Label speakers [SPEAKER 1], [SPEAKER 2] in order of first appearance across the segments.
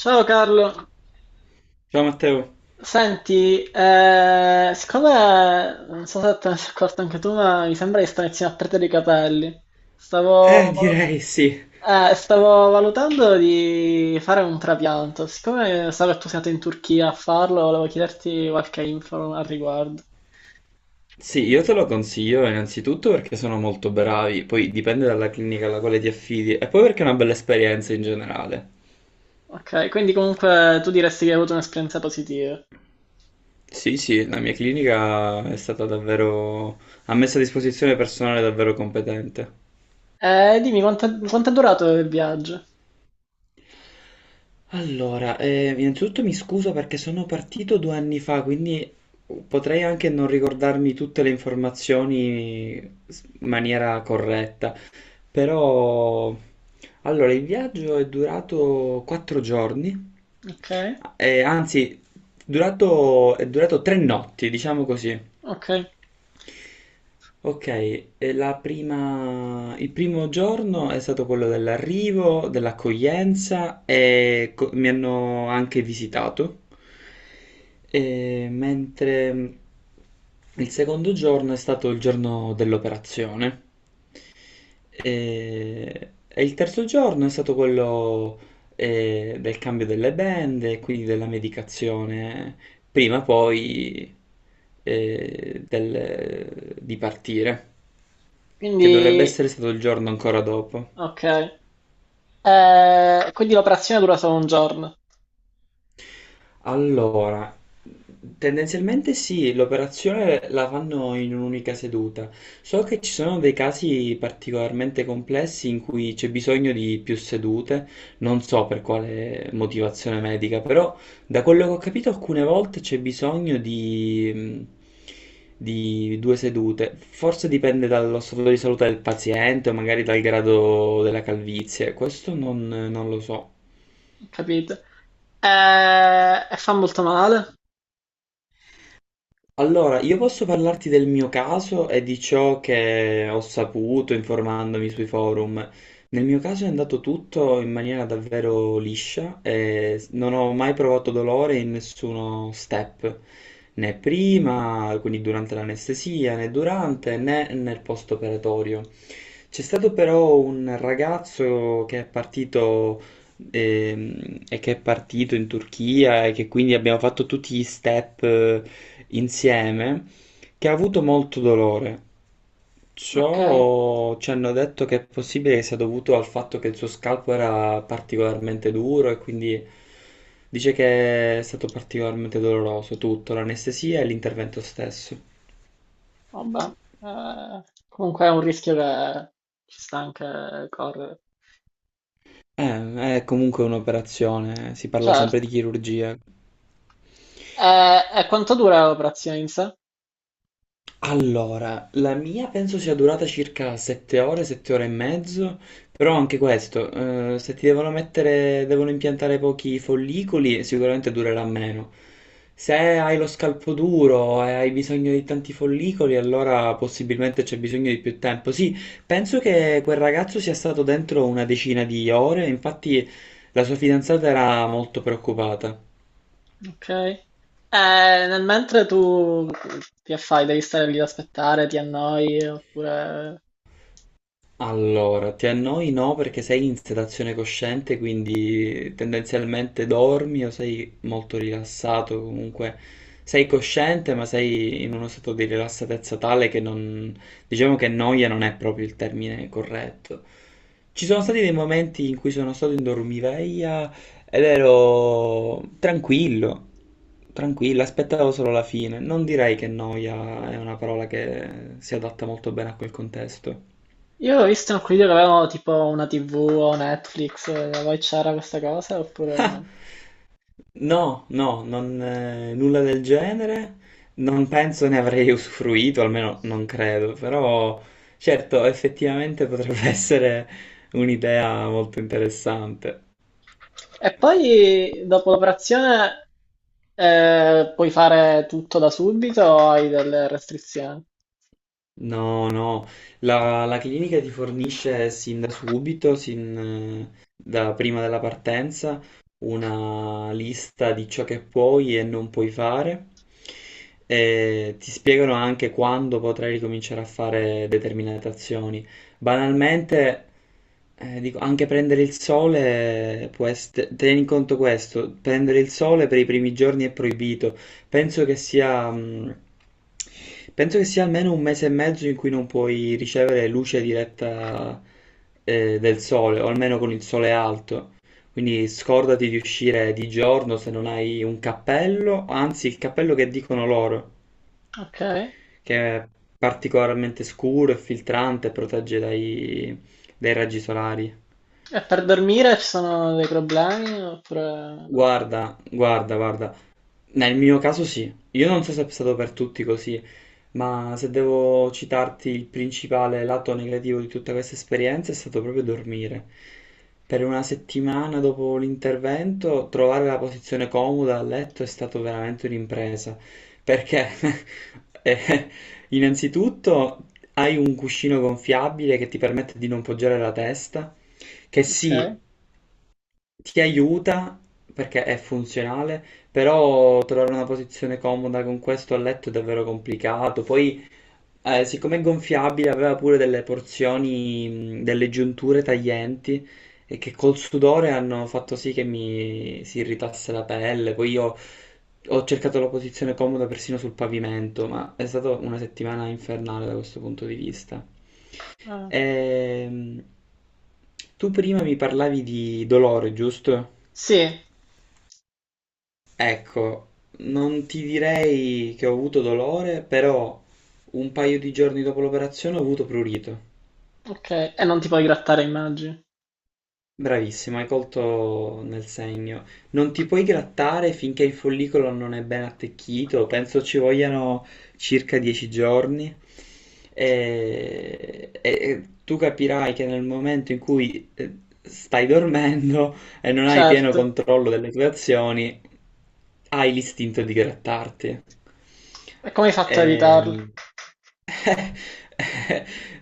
[SPEAKER 1] Ciao Carlo,
[SPEAKER 2] Ciao Matteo.
[SPEAKER 1] senti, siccome non so se te ne sei accorto anche tu, ma mi sembra che stai iniziando a perdere i capelli. Stavo,
[SPEAKER 2] Direi sì.
[SPEAKER 1] Stavo valutando di fare un trapianto. Siccome so che tu sei andato in Turchia a farlo, volevo chiederti qualche info al riguardo.
[SPEAKER 2] Sì, io te lo consiglio innanzitutto perché sono molto bravi, poi dipende dalla clinica alla quale ti affidi e poi perché è una bella esperienza in generale.
[SPEAKER 1] Ok, quindi comunque tu diresti che hai avuto un'esperienza positiva.
[SPEAKER 2] Sì, sì, la mia clinica è stata davvero... ha messo a disposizione personale davvero competente.
[SPEAKER 1] Dimmi quanto è durato il viaggio?
[SPEAKER 2] Allora, innanzitutto mi scuso perché sono partito 2 anni fa, quindi potrei anche non ricordarmi tutte le informazioni in maniera corretta. Però, allora, il viaggio è durato 4 giorni,
[SPEAKER 1] Ok,
[SPEAKER 2] eh, anzi, è durato 3 notti, diciamo così.
[SPEAKER 1] ok,
[SPEAKER 2] Ok, e il primo giorno è stato quello dell'arrivo, dell'accoglienza e mi hanno anche visitato, e mentre il secondo giorno è stato il giorno dell'operazione. E, il terzo giorno è stato quello del cambio delle band e quindi della medicazione, prima poi di partire, che dovrebbe
[SPEAKER 1] quindi
[SPEAKER 2] essere stato il giorno ancora dopo.
[SPEAKER 1] ok. Quindi l'operazione dura solo un giorno,
[SPEAKER 2] Allora, tendenzialmente sì, l'operazione la fanno in un'unica seduta. So che ci sono dei casi particolarmente complessi in cui c'è bisogno di più sedute, non so per quale motivazione medica, però da quello che ho capito alcune volte c'è bisogno di, di 2 sedute. Forse dipende dallo stato di salute del paziente o magari dal grado della calvizie, questo non lo so.
[SPEAKER 1] capite? E fa molto male.
[SPEAKER 2] Allora, io posso parlarti del mio caso e di ciò che ho saputo informandomi sui forum. Nel mio caso è andato tutto in maniera davvero liscia e non ho mai provato dolore in nessuno step, né prima, quindi durante l'anestesia, né durante, né nel post-operatorio. C'è stato però un ragazzo che è partito in Turchia e che quindi abbiamo fatto tutti gli step insieme, che ha avuto molto dolore.
[SPEAKER 1] Ok,
[SPEAKER 2] Ciò ci hanno detto che è possibile che sia dovuto al fatto che il suo scalpo era particolarmente duro e quindi dice che è stato particolarmente doloroso tutto, l'anestesia e l'intervento stesso.
[SPEAKER 1] vabbè. Comunque è un rischio che ci sta anche correre.
[SPEAKER 2] È comunque un'operazione, si parla sempre di
[SPEAKER 1] Certo.
[SPEAKER 2] chirurgia.
[SPEAKER 1] E quanto dura l'operazione in sé?
[SPEAKER 2] Allora, la mia penso sia durata circa 7 ore, 7 ore e mezzo, però anche questo, se ti devono mettere, devono impiantare pochi follicoli, sicuramente durerà meno. Se hai lo scalpo duro e hai bisogno di tanti follicoli, allora possibilmente c'è bisogno di più tempo. Sì, penso che quel ragazzo sia stato dentro 10 ore circa, infatti la sua fidanzata era molto preoccupata.
[SPEAKER 1] Ok. Nel mentre tu ti affai, devi stare lì ad aspettare, ti annoi, oppure...
[SPEAKER 2] Allora, ti annoi no perché sei in sedazione cosciente, quindi tendenzialmente dormi o sei molto rilassato, comunque sei cosciente ma sei in uno stato di rilassatezza tale che non... diciamo che noia non è proprio il termine corretto. Ci sono stati dei momenti in cui sono stato in dormiveglia ed ero tranquillo, tranquillo, aspettavo solo la fine. Non direi che noia è una parola che si adatta molto bene a quel contesto.
[SPEAKER 1] Io ho visto in alcuni video che avevano tipo una TV o Netflix, voi c'era questa cosa, oppure no?
[SPEAKER 2] No, no, non, nulla del genere, non penso ne avrei usufruito, almeno non credo, però certo, effettivamente potrebbe essere un'idea molto interessante.
[SPEAKER 1] E poi dopo l'operazione puoi fare tutto da subito o hai delle restrizioni?
[SPEAKER 2] No, no, la clinica ti fornisce sin da subito, sin da prima della partenza, una lista di ciò che puoi e non puoi fare. E ti spiegano anche quando potrai ricominciare a fare determinate azioni. Banalmente, dico, anche prendere il sole può essere, tieni conto questo, prendere il sole per i primi giorni è proibito. Penso che sia, mh, Penso che sia almeno 1 mese e mezzo in cui non puoi ricevere luce diretta, del sole, o almeno con il sole alto. Quindi scordati di uscire di giorno se non hai un cappello, anzi il cappello che dicono loro,
[SPEAKER 1] Ok.
[SPEAKER 2] che è particolarmente scuro e filtrante e protegge dai raggi solari.
[SPEAKER 1] E per dormire ci sono dei problemi oppure no?
[SPEAKER 2] Guarda, guarda, guarda. Nel mio caso sì. Io non so se è stato per tutti così, ma se devo citarti il principale lato negativo di tutta questa esperienza è stato proprio dormire. Per 1 settimana dopo l'intervento trovare la posizione comoda a letto è stato veramente un'impresa, perché eh, innanzitutto hai un cuscino gonfiabile che ti permette di non poggiare la testa, che sì,
[SPEAKER 1] Ok.
[SPEAKER 2] ti aiuta perché è funzionale, però trovare una posizione comoda con questo a letto è davvero complicato. Poi siccome è gonfiabile aveva pure delle porzioni, delle giunture taglienti e che col sudore hanno fatto sì che mi si irritasse la pelle. Poi io ho cercato la posizione comoda persino sul pavimento, ma è stata 1 settimana infernale da questo punto di vista.
[SPEAKER 1] Ah,
[SPEAKER 2] Ehm, Tu prima mi parlavi di dolore, giusto?
[SPEAKER 1] sì,
[SPEAKER 2] Ecco, non ti direi che ho avuto dolore, però un paio di giorni dopo l'operazione ho avuto prurito.
[SPEAKER 1] ok. E non ti puoi grattare, immagini.
[SPEAKER 2] Bravissimo, hai colto nel segno. Non ti puoi grattare finché il follicolo non è ben attecchito, penso ci vogliano circa 10 giorni. E tu capirai che nel momento in cui stai dormendo e non hai pieno
[SPEAKER 1] Certo.
[SPEAKER 2] controllo delle tue azioni, hai l'istinto di grattarti.
[SPEAKER 1] E come hai fatto a evitarlo?
[SPEAKER 2] Ehm,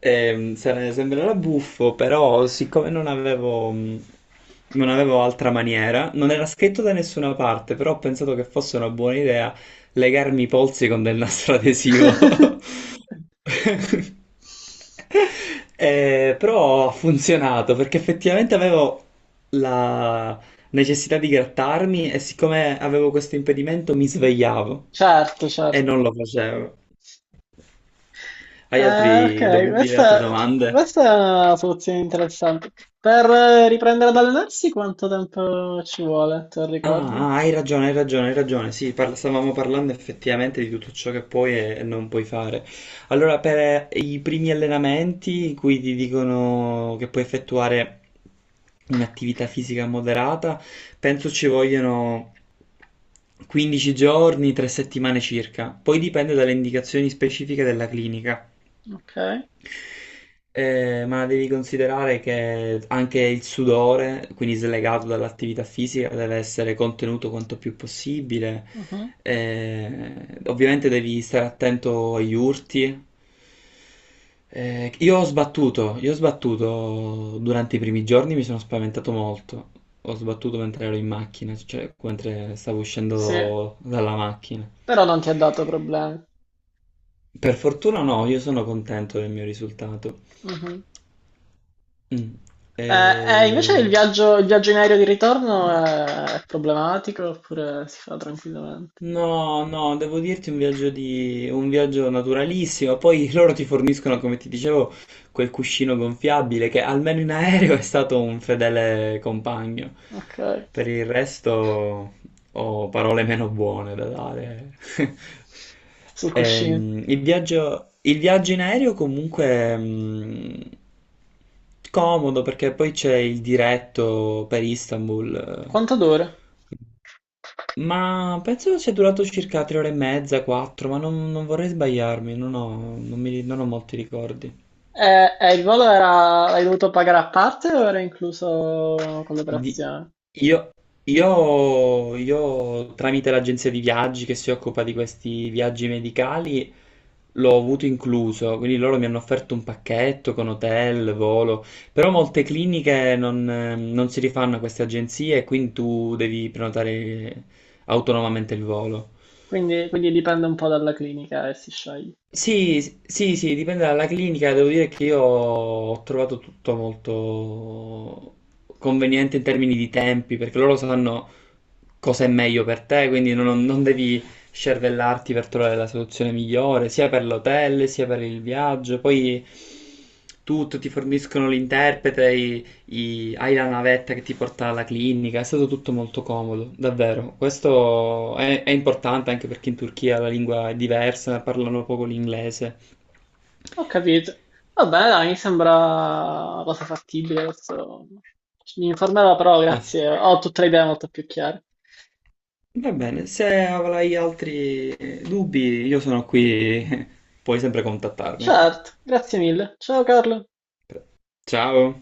[SPEAKER 2] Sembrerà buffo, però siccome non avevo altra maniera, non era scritto da nessuna parte, però ho pensato che fosse una buona idea legarmi i polsi con del nastro adesivo. Però ha funzionato perché effettivamente avevo la necessità di grattarmi e siccome avevo questo impedimento mi svegliavo
[SPEAKER 1] Certo,
[SPEAKER 2] e
[SPEAKER 1] certo.
[SPEAKER 2] non lo facevo. Hai
[SPEAKER 1] Ok,
[SPEAKER 2] altri dubbi, hai altre domande?
[SPEAKER 1] questa è una soluzione interessante. Per riprendere ad allenarsi quanto tempo ci vuole, te lo
[SPEAKER 2] Ah,
[SPEAKER 1] ricordi?
[SPEAKER 2] ah, hai ragione, hai ragione, hai ragione. Sì, stavamo parlando effettivamente di tutto ciò che puoi e non puoi fare. Allora, per i primi allenamenti in cui ti dicono che puoi effettuare un'attività fisica moderata, penso ci vogliono 15 giorni, 3 settimane circa. Poi dipende dalle indicazioni specifiche della clinica.
[SPEAKER 1] Ok,
[SPEAKER 2] Ma devi considerare che anche il sudore, quindi slegato dall'attività fisica, deve essere contenuto quanto più possibile.
[SPEAKER 1] mhm,
[SPEAKER 2] Eh, ovviamente devi stare attento agli urti. Io ho sbattuto durante i primi giorni, mi sono spaventato molto. Ho sbattuto mentre ero in macchina, cioè mentre stavo
[SPEAKER 1] sì,
[SPEAKER 2] uscendo dalla macchina.
[SPEAKER 1] però non ti ha dato problemi.
[SPEAKER 2] Per fortuna no, io sono contento del mio risultato.
[SPEAKER 1] Mhm.
[SPEAKER 2] Mm.
[SPEAKER 1] Eh, Invece
[SPEAKER 2] Eh,
[SPEAKER 1] il viaggio in aereo di ritorno è problematico oppure si fa tranquillamente?
[SPEAKER 2] no, no, devo dirti un viaggio, di... un viaggio naturalissimo. Poi loro ti forniscono, come ti dicevo, quel cuscino gonfiabile che almeno in aereo è stato un fedele compagno.
[SPEAKER 1] Ok,
[SPEAKER 2] Per il resto ho parole meno buone da dare.
[SPEAKER 1] sul cuscino.
[SPEAKER 2] Il viaggio in aereo comunque comodo perché poi c'è il diretto per Istanbul.
[SPEAKER 1] Quanto dura?
[SPEAKER 2] Eh, ma penso sia durato circa 3 ore e mezza, quattro, ma non vorrei sbagliarmi, non ho molti ricordi.
[SPEAKER 1] Il l'hai dovuto pagare a parte o era incluso con
[SPEAKER 2] Di-
[SPEAKER 1] l'operazione?
[SPEAKER 2] io, Tramite l'agenzia di viaggi che si occupa di questi viaggi medicali, l'ho avuto incluso, quindi loro mi hanno offerto un pacchetto con hotel, volo, però molte cliniche non si rifanno a queste agenzie e quindi tu devi prenotare autonomamente il volo.
[SPEAKER 1] Quindi dipende un po' dalla clinica e si sceglie.
[SPEAKER 2] Sì, sì, sì, dipende dalla clinica. Devo dire che io ho trovato tutto molto conveniente in termini di tempi, perché loro sanno cosa è meglio per te, quindi non devi scervellarti per trovare la soluzione migliore, sia per l'hotel, sia per il viaggio. Poi tutto, ti forniscono l'interprete, hai la navetta che ti porta alla clinica, è stato tutto molto comodo, davvero. Questo è importante anche perché in Turchia la lingua è diversa, parlano poco l'inglese.
[SPEAKER 1] Ho capito. Vabbè, dai, mi sembra una cosa fattibile. Adesso mi informerò, però
[SPEAKER 2] Ah, f-
[SPEAKER 1] grazie. Ho tutte le idee molto più chiare.
[SPEAKER 2] Va bene, se avrai altri dubbi, io sono qui, puoi sempre contattarmi.
[SPEAKER 1] Certo, grazie mille. Ciao Carlo.
[SPEAKER 2] Ciao!